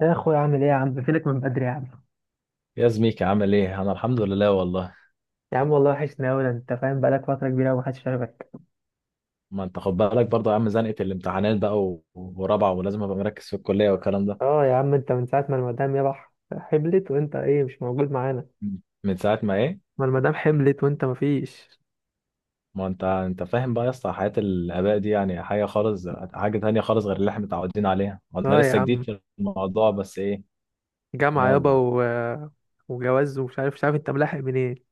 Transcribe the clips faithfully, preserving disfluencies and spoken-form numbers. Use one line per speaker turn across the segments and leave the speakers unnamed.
يا اخويا عامل ايه يا عم؟ فينك من بدري يا عم؟
يا زميكي عامل ايه؟ انا الحمد لله والله.
يا عم والله وحشني اوي، ده انت فاهم، بقالك فتره كبيره ومحدش شافك.
ما انت خد بالك برضه يا عم، زنقه الامتحانات بقى و- ورابعه، ولازم ابقى مركز في الكليه والكلام ده.
اه يا عم، انت من ساعه ما المدام يبح حملت، وانت ايه مش موجود معانا؟
مم. من ساعه ما ايه؟
ما المدام حملت وانت مفيش.
ما انت انت فاهم بقى يا اسطى، حياه الاباء دي يعني حاجه خالص، حاجه تانية خالص غير اللي احنا متعودين عليها، وانا
اه يا
لسه جديد
عم،
في الموضوع، بس ايه.
جامعه يابا
يلا.
و... وجواز ومش عارف مش عارف انت ملاحق منين؟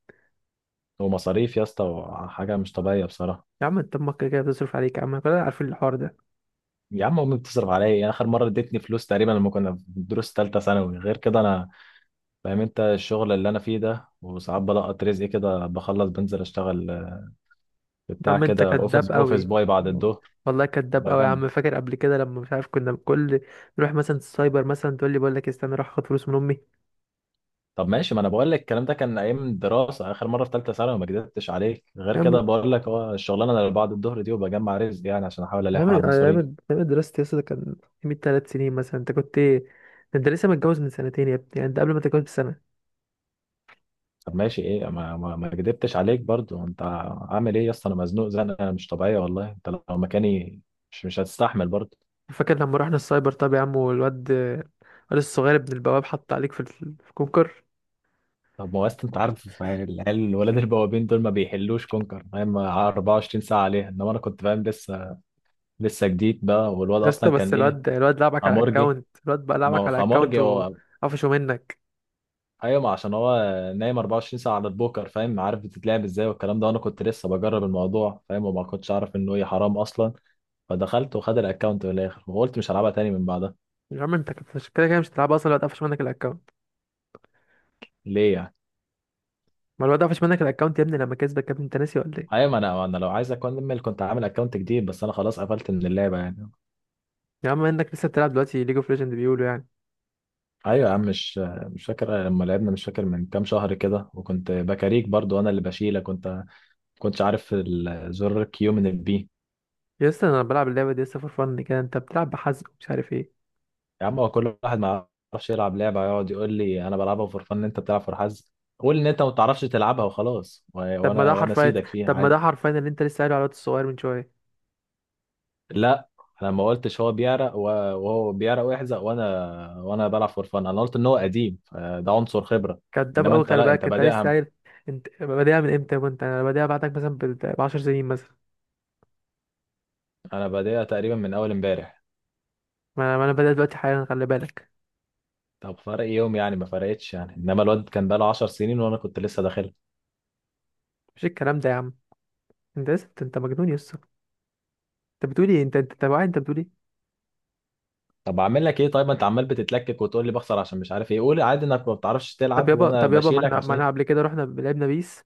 ومصاريف يا اسطى، وحاجه مش طبيعيه بصراحه.
يا عم انت امك كده كده بتصرف عليك يا عم، كلنا عارفين الحوار ده.
يا عم امي بتصرف عليا يعني، اخر مره ادتني فلوس تقريبا لما كنا في دروس ثالثه ثانوي، غير كده انا فاهم انت الشغل اللي انا فيه ده، وساعات بلقط رزقي كده، بخلص بنزل اشتغل
يا
بتاع
عم انت
كده
كداب
اوفيس اوفيس
قوي.
باي بعد الظهر.
والله كداب قوي يا
بجمع.
عم، فاكر قبل كده لما مش عارف كنا كل نروح مثلا السايبر، مثلا تقول لي بقول لك استنى اروح اخد فلوس من امي؟
طب ماشي، ما انا بقول لك الكلام ده كان ايام الدراسه، اخر مره في ثالثه ثانوي ما كدبتش عليك، غير كده بقول لك اه الشغلانه اللي بعد الظهر دي وبجمع رزق يعني عشان احاول
أيام
الحق على
أيام
المصاريف.
أيام دراستي يا اسطى، ده كان من تلات سنين مثلا، أنت كنت إيه؟ ده أنت لسه متجوز من سنتين يا ابني، يعني أنت قبل ما تتجوز بسنة.
طب ماشي ايه، ما ما, ما كدبتش عليك برضو. انت عامل ايه يا اسطى؟ انا مزنوق زنقه مش طبيعيه والله، انت لو مكاني مش مش هتستحمل برضو.
فاكر لما رحنا السايبر؟ طب يا عم والواد، الواد الصغير ابن البواب حط عليك في ال- في الكونكر.
طب ما هو أصل انت عارف العيال الولاد البوابين دول ما بيحلوش كونكر فاهم، 24 ساعه عليها، انما انا كنت فاهم لسه لسه جديد بقى، والواد
يا اسطى
اصلا كان
بس
ايه،
الواد، الواد لعبك على
امورجي.
الأكاونت، الواد بقى
ما
لعبك
هو
على الأكاونت
خمارجي هو.
وقفشه منك.
ايوه، ما عشان هو نايم 24 ساعه على البوكر، فاهم عارف بتتلعب ازاي والكلام ده، وانا كنت لسه بجرب الموضوع فاهم، وما كنتش اعرف انه ايه حرام اصلا، فدخلت وخد الاكونت من الاخر، وقلت مش هلعبها تاني من بعدها.
يا عم أنت كنت- مش كده كده مش هتلعب أصلا، الواد قفش منك الأكاونت.
ليه يعني؟
ما الواد قفش منك الأكاونت يا ابني لما كسبك، يا ابني أنت ناسي ولا إيه؟
ايوه، ما انا ما انا لو عايز اكمل كنت عامل اكونت جديد، بس انا خلاص قفلت من اللعبه يعني.
يا عم إنك لسه بتلعب دلوقتي ليج اوف ليجند بيقولوا يعني.
ايوه يا عم، مش مش فاكر لما لعبنا؟ مش فاكر من كام شهر كده وكنت بكاريك برضو؟ انا اللي بشيلك، كنت كنتش عارف الزر كيو من البي.
يا اسطى أنا بلعب اللعبة دي يا اسطى فور فن كده، أنت بتلعب بحزق ومش عارف إيه.
يا عم، هو كل واحد ما يعرفش يلعب لعبة يقعد يقول لي أنا بلعبها فور فن، أنت بتلعب فور حظ. قول إن أنت ما بتعرفش تلعبها وخلاص، و-
طب ما
وأنا
ده
وأنا
حرفيا،
أسيدك فيها
طب ما ده
عادي.
حرفيا اللي انت لسه قايله على الواد الصغير من شويه.
لا، أنا ما قلتش هو بيعرق و- وهو بيعرق ويحزق، وأنا وأنا بلعب فور فن، أنا قلت إن هو قديم فده عنصر خبرة.
كداب
إنما
قوي،
أنت
خلي
لا، أنت
بالك انت لسه
بادئها.
قايل. انت بادئها من امتى، وانت انا بادئها بعدك مثلا ب 10 سنين مثلا.
أنا بادئها تقريبا من أول إمبارح.
ما انا ما انا بادئ دلوقتي حالا، خلي بالك.
طب فرق يوم يعني، ما فرقتش يعني، إنما الواد كان بقاله 10 سنين وأنا كنت لسه داخلها.
مش الكلام ده يا عم. انت لسه، انت أنت مجنون يا اسطى. انت بتقول ايه؟ انت انت انت واعي؟ انت بتقول ايه؟
طب اعمل لك ايه طيب، ما انت عمال بتتلكك وتقول لي بخسر عشان مش عارف ايه، قول عادي انك ما بتعرفش
طب
تلعب
يابا
وانا
طب يابا ما
بشيلك
احنا، ما
عشان
انا
إيه؟
قبل كده رحنا لعبنا بيس،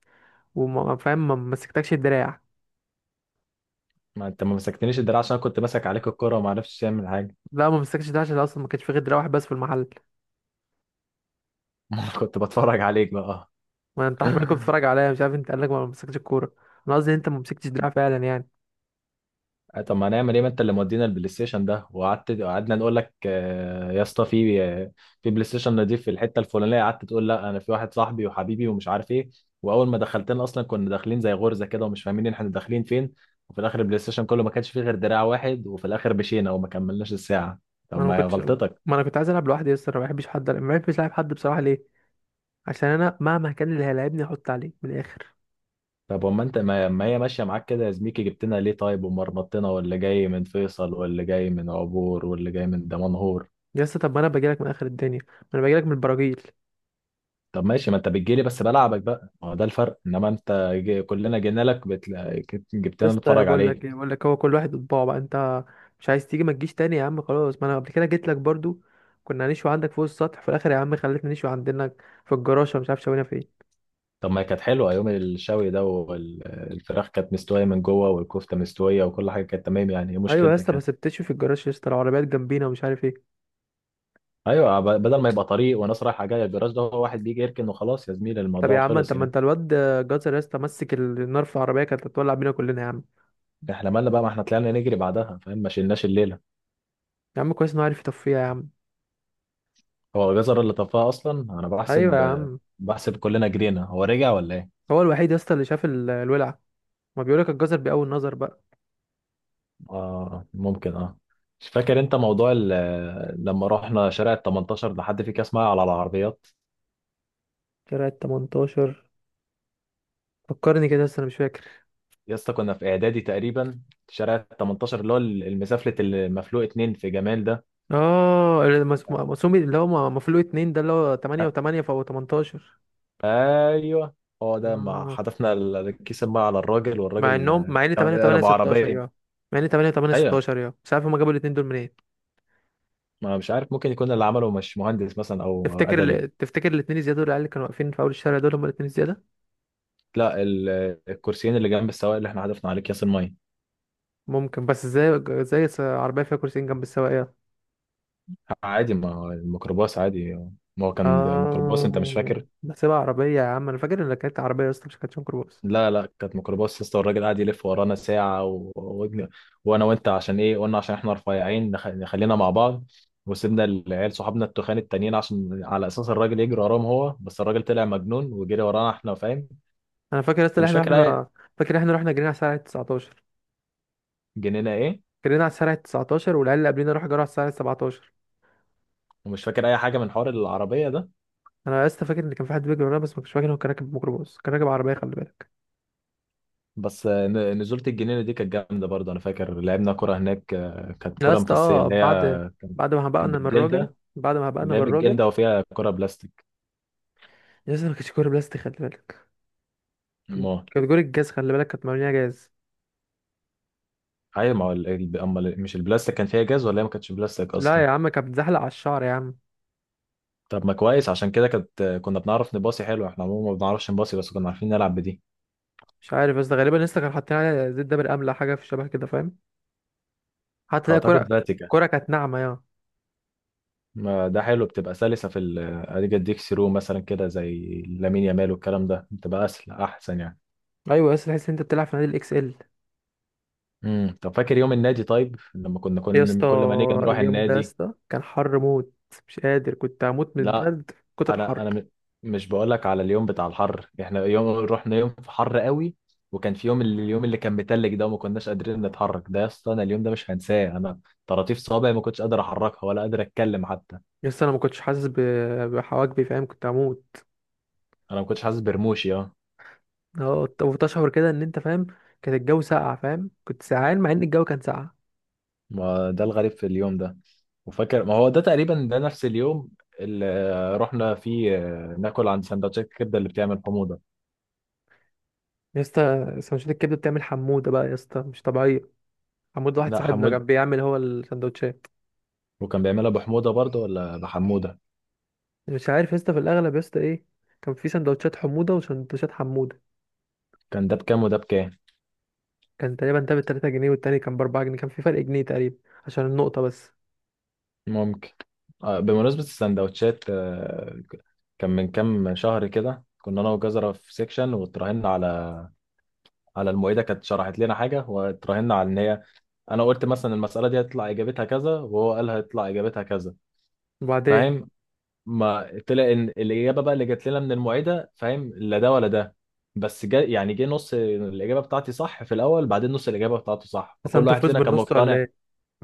وما فاهم ما مسكتكش الدراع.
ما انت ما مسكتنيش الدراع عشان انا كنت ماسك عليك الكرة وما عرفتش تعمل حاجة.
لا، ما مسكتش الدراع عشان اصلا ما كانش في غير دراع واحد بس في المحل.
ما انا كنت بتفرج عليك بقى.
ما انت حرفيا كنت بتتفرج عليا، مش عارف انت قال لك ما مسكتش الكوره؟ انا قصدي ان انت ما مسكتش دراع فعلا يعني.
آه، طب ما هنعمل ايه، ما انت اللي مودينا البلاي ستيشن ده، وقعدت قعدنا نقول لك آه، يا اسطى في آه، في بلاي ستيشن نضيف في الحتة الفلانية، قعدت تقول لا انا في واحد صاحبي وحبيبي ومش عارف ايه، واول ما دخلتنا اصلا كنا داخلين زي غرزة كده ومش فاهمين احنا داخلين فين، وفي الاخر البلاي ستيشن كله ما كانش فيه غير دراع واحد، وفي الاخر مشينا وما كملناش الساعة.
ما
طب
انا ما
ما هي
كنتش
غلطتك.
ما انا كنت عايز العب لوحدي، يس انا ما بحبش حد، ما بحبش العب حد بصراحه. ليه؟ عشان انا مهما كان اللي هيلاعبني احط عليه من الاخر.
طب وما انت، ما ما هي ماشيه معاك كده يا زميكي، جبتنا ليه طيب؟ ومرمطتنا، واللي جاي من فيصل واللي جاي من عبور واللي جاي من دمنهور.
يس، طب ما انا باجي لك من اخر الدنيا، ما انا باجي لك من البراجيل.
طب ماشي، ما انت بتجيلي بس بلعبك بقى، ما هو ده الفرق، انما انت جي كلنا جينا لك بتلا... كت- جبتنا
يس،
نتفرج
بقول لك ايه،
عليك.
بقول لك هو كل واحد بطباعه بقى. انت مش عايز تيجي ما تجيش تاني يا عم، خلاص. ما انا قبل كده جيت لك برضو، كنا هنشوي عندك فوق السطح، في الاخر يا عم خليتنا نشوي عندنا في الجراشه ومش عارف شوينا فين.
طب ما هي كانت حلوه يوم الشوي ده، والفراخ كانت مستويه من جوه، والكفته مستويه، وكل حاجه كانت تمام يعني، ايه
ايوه يا
مشكلتك
اسطى،
يعني؟
بس بتشوي في الجراج يا اسطى، العربيات جنبينا ومش عارف ايه.
ايوه، ب- بدل ما يبقى طريق وناس رايحه جايه، الجراج ده هو واحد بيجي يركن وخلاص يا زميلي،
طب يا
الموضوع
عم انت،
خلص
ما
يعني.
انت الواد جزر يا اسطى مسك النار في العربيه، كانت هتولع بينا كلنا يا عم.
احنا مالنا بقى، ما احنا طلعنا نجري بعدها فاهم، ما شلناش الليله.
يا عم كويس انه عارف يطفيها يا عم.
هو جزر اللي طفاه اصلا، انا
ايوه يا
بحسب،
عم،
بحسب كلنا جرينا، هو رجع ولا ايه؟
هو الوحيد يا اسطى اللي شاف ال- الولع، ما بيقولك الجزر بأول نظر بقى.
اه ممكن اه. مش فاكر انت موضوع ال- لما رحنا شارع ال التمنتاشر ده، حد في كاس معايا على العربيات؟
كده تمنتاشر، فكرني كده بس انا مش فاكر.
يا اسطى كنا في اعدادي تقريبا، شارع ال التمنتاشر اللي هو المسافلة المفلوق اتنين في جمال ده.
اه المس- مقسوم، اللي هو مفلوق اتنين ده، اللي هو
أ-
تمانية و8 فهو تمنتاشر.
ايوه، هو ده، ما
آه.
حدفنا ال- الكيس الميه على الراجل،
مع
والراجل
انهم، مع ان
كان
ثمانية و8
ابو
ستاشر
عربيه.
يا، مع ان تمانية و8
ايوه،
ستاشر يا مش عارف هما جابوا الاتنين دول منين.
ما مش عارف، ممكن يكون اللي عمله مش مهندس مثلا او
تفتكر
ادبي.
ال... تفتكر الاتنين الزياده دول، العيال اللي كانوا واقفين في اول الشارع دول هما الاتنين الزياده؟
لا، ال- الكرسيين اللي جنب السواق اللي احنا حدفنا عليه اكياس الميه.
ممكن، بس ازاي، ازاي س- عربيه فيها كرسيين جنب السواق؟
عادي، ما هو الميكروباص عادي، ما هو كان ده ميكروباص، انت مش
اه
فاكر.
بحسبها عربية يا عم، انا فاكر ان كانت عربية يا اسطى، مش كانت ميكروباص.
لا لا، كانت ميكروباص لسه، والراجل قاعد يلف ورانا ساعة و... و... وانا وانت عشان ايه قلنا عشان احنا رفيعين نخ... نخلينا مع بعض، وسيبنا العيال صحابنا التخان التانيين عشان على اساس الراجل يجري وراهم هو، بس الراجل طلع مجنون وجري ورانا احنا فاهم.
انا فاكر يا اسطى
انت
إن
مش
احنا،
فاكر اي.
احنا فاكر احنا رحنا جرينا على الساعة تسعة عشر،
جنينا ايه؟
جرينا على الساعة تسعتاشر، والعيال اللي قبلنا راحوا جروا على الساعة سبعتاشر.
ومش فاكر اي حاجة من حوار العربية ده.
انا يا اسطى فاكر ان كان في حد بيجري ورانا، بس ما كنتش فاكر إن هو كان راكب ميكروباص، كان راكب عربية خلي بالك.
بس آه، ن- نزولة الجنينة دي كانت جامدة برضه، أنا فاكر لعبنا كرة هناك، آه، كانت
لا يا
كرة
اسطى،
مفسية
اه
اللي
بعد،
هي،
بعد ما
كانت
هبقنا من الراجل،
بالجلدة،
بعد ما هبقنا
اللي هي
من الراجل،
بالجلدة وفيها كرة بلاستيك.
يا اسطى ما كانتش كورة بلاستيك خلي بالك،
ما
كانت كورة جاز خلي بالك، كانت مرمية جاز.
أيوة، ما هو ال- ال- أما ال- مش البلاستيك كان فيها جاز، ولا هي ما كانتش بلاستيك
لا
أصلا.
يا عم، كانت بتزحلق على الشعر يا عم.
طب ما كويس، عشان كده كانت آه، كنا بنعرف نباصي حلو، إحنا عموما ما بنعرفش نباصي، بس كنا عارفين نلعب بدي.
مش عارف، بس غالبا لسه كانوا حاطين عليها زيت دابر املح، حاجة في الشبه كده فاهم؟ حتى ده
أعتقد
كرة،
فاتيكا.
كرة كانت ناعمة يا.
ما ده حلو، بتبقى سلسة في ال آه، أديك أديك ثرو مثلا كده، زي لامين يامال والكلام ده، بتبقى أسهل أحسن يعني.
ايوه يا اسطى، تحس ان انت بتلعب في نادي الاكس ال.
امم طب فاكر يوم النادي؟ طيب لما كنا
يا
كل
اسطى
كل ما نيجي نروح
اليوم ده يا
النادي.
اسطى كان حر موت، مش قادر، كنت هموت من
لا،
البرد، كتر
انا
الحر.
انا م- مش بقول لك على اليوم بتاع الحر، احنا يوم رحنا يوم في حر قوي، وكان في يوم اللي- اليوم اللي كان متلج ده وما كناش قادرين نتحرك، ده يا اسطى انا اليوم ده مش هنساه، انا طراطيف صوابعي ما كنتش قادر احركها ولا قادر اتكلم حتى.
يا اسطى انا ما كنتش حاسس ب- بحواجبي فاهم؟ كنت هموت.
انا ما كنتش حاسس برموشي اه.
اه ت- وتشعر كده ان انت فاهم، كان الجو ساقع فاهم؟ كنت سقعان مع ان الجو كان ساقع.
ما ده الغريب في اليوم ده. وفاكر ما هو ده تقريبا ده نفس اليوم اللي آه، رحنا فيه آه، ناكل عند سندوتشات الكبده اللي بتعمل حموضه.
يا اسطى سندوتشات الكبده بتعمل حموده بقى يا اسطى مش طبيعيه. حمود واحد
لا،
صاحبنا كان بيعمل هو السندوتشات.
وكان بيعملها بحموده برضه ولا بحموده.
مش عارف يا اسطى، في الاغلب يا اسطى ايه، كان في سندوتشات حموده وسندوتشات حموده.
كان ده بكام وده بكام؟
كان تقريبا ده بتلاتة جنيه، والتاني كان بأربعة جنيه، كان في فرق جنيه تقريبا عشان النقطة بس.
ممكن. آه، بمناسبه السندوتشات آه، كان من كام شهر كده كنا انا وجزرة في سيكشن، واتراهنا على على المعيده كانت شرحت لنا حاجه، واتراهنا على ان هي، انا قلت مثلا المساله دي هتطلع اجابتها كذا، وهو قال هتطلع اجابتها كذا
وبعدين،
فاهم، ما طلع ان الاجابه بقى اللي جت لنا من المعيده فاهم لا ده ولا ده، بس جا يعني جه نص الاجابه بتاعتي صح في الاول، بعدين نص الاجابه بتاعته صح، فكل
قسمت
واحد
الفلوس
فينا كان
بالنص ولا
مقتنع.
ايه؟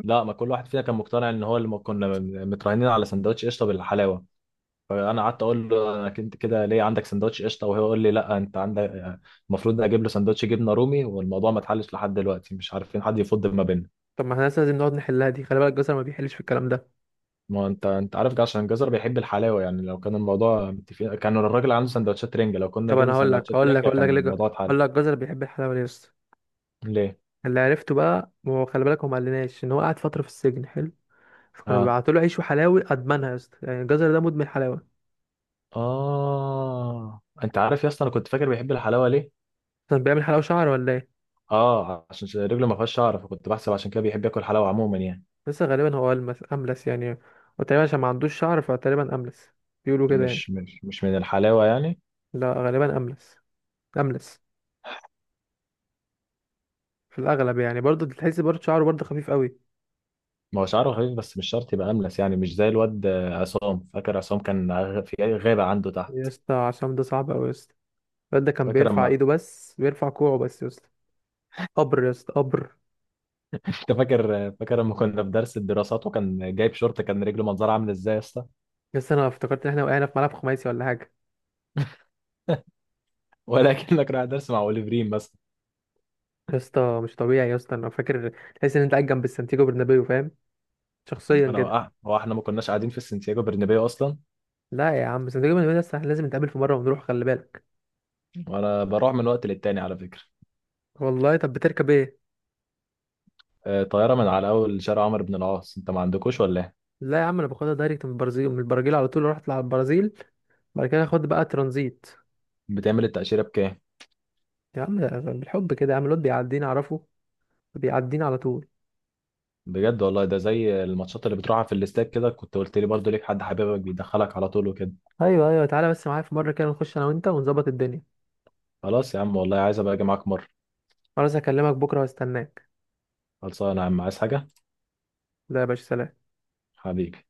لا، ما كل واحد فينا كان مقتنع ان هو اللي، م- كنا م- متراهنين على سندوتش قشطه بالحلاوه، فانا قعدت اقول له انا كنت كده ليه عندك سندوتش قشطه، وهو يقول لي لا انت عندك، المفروض اجيب له سندوتش جبنه رومي، والموضوع ما اتحلش لحد دلوقتي، مش عارفين حد يفض ما بيننا.
طب ما احنا لسه لازم نقعد نحلها دي، خلي بالك جزر ما بيحلش في الكلام ده.
ما انت انت عارف جا- عشان جزر بيحب الحلاوه يعني، لو كان الموضوع متفقين كان الراجل عنده سندوتشات رنجه، لو كنا
طب انا
جبنا
هقول لك،
سندوتشات
هقول لك
رنجه
هقول لك
كان
ليه ج-
الموضوع اتحل.
هقول لك جزر بيحب الحلاوة ليه يا اسطى.
ليه؟
اللي عرفته بقى، ما هو خلي بالك، هو ما قالناش ان هو قعد فترة في السجن حلو، فكانوا
اه
بيبعتوا له عيش وحلاوي ادمنها، يا اسطى يعني الجزر ده مدمن حلاوة.
اه، انت عارف يا اسطى انا كنت فاكر بيحب الحلاوه ليه؟
كان بيعمل حلاوة شعر ولا ايه؟
اه عشان رجله ما فيهاش شعر، فكنت بحسب عشان كده بيحب ياكل حلاوه عموما يعني.
لسه غالبا هو ألمس أملس يعني، وتقريبا عشان ما عندوش شعر فتقريبا أملس، بيقولوا كده يعني.
مش مش مش من الحلاوة يعني.
لا غالبا أملس، أملس في الاغلب يعني، برضه تحس برضه شعره برضه خفيف قوي.
ما هو شعره خفيف بس مش شرط يبقى أملس يعني، مش زي الواد آه، عصام، فاكر عصام كان غ- في غابة عنده تحت.
يا اسطى عصام ده صعب قوي يا اسطى، الواد ده كان
فاكر
بيرفع
اما،
ايده بس بيرفع كوعه بس يا اسطى، قبر يا اسطى قبر.
انت فاكر؟ فاكر اما كنا في درس الدراسات وكان جايب شورت، كان رجله منظرها عامل ازاي يا اسطى؟
يا اسطى انا افتكرت ان احنا وقعنا في ملعب خماسي ولا حاجه،
ولكنك رايح درس مع اوليفرين بس.
يا اسطى مش طبيعي يا اسطى، انا فاكر تحس ان انت قاعد جنب السانتياغو برنابيو فاهم؟ شخصيا
انا
كده.
وقعت، هو احنا ما كناش قاعدين في سانتياغو برنابيو اصلا.
لا يا عم، سانتياغو برنابيو ده احنا لازم نتقابل في مره ونروح، خلي بالك.
وانا بروح من وقت للتاني على فكرة.
والله؟ طب بتركب ايه؟
آه، طيارة من على اول شارع عمرو بن العاص، انت ما عندكوش ولا ايه؟
لا يا عم انا باخدها دايركت من البرازيل، من البرازيل على طول رحت على البرازيل، بعد كده اخد بقى ترانزيت.
بتعمل التأشيرة بكام؟
يا عم بالحب كده يا عم، الواد بيعديني اعرفه، بيعديني على طول.
بجد والله ده زي الماتشات اللي بتروحها في الاستاد كده، كنت قلت لي برضو ليك حد حبيبك بيدخلك على طول وكده.
ايوه، ايوه، تعالى بس معايا في مره كده نخش انا وانت ونظبط الدنيا.
خلاص يا عم والله، عايز ابقى اجي معاك مره.
خلاص هكلمك بكره واستناك.
خلصانه يا عم، عايز حاجه؟
لا يا باشا، سلام.
حبيبي.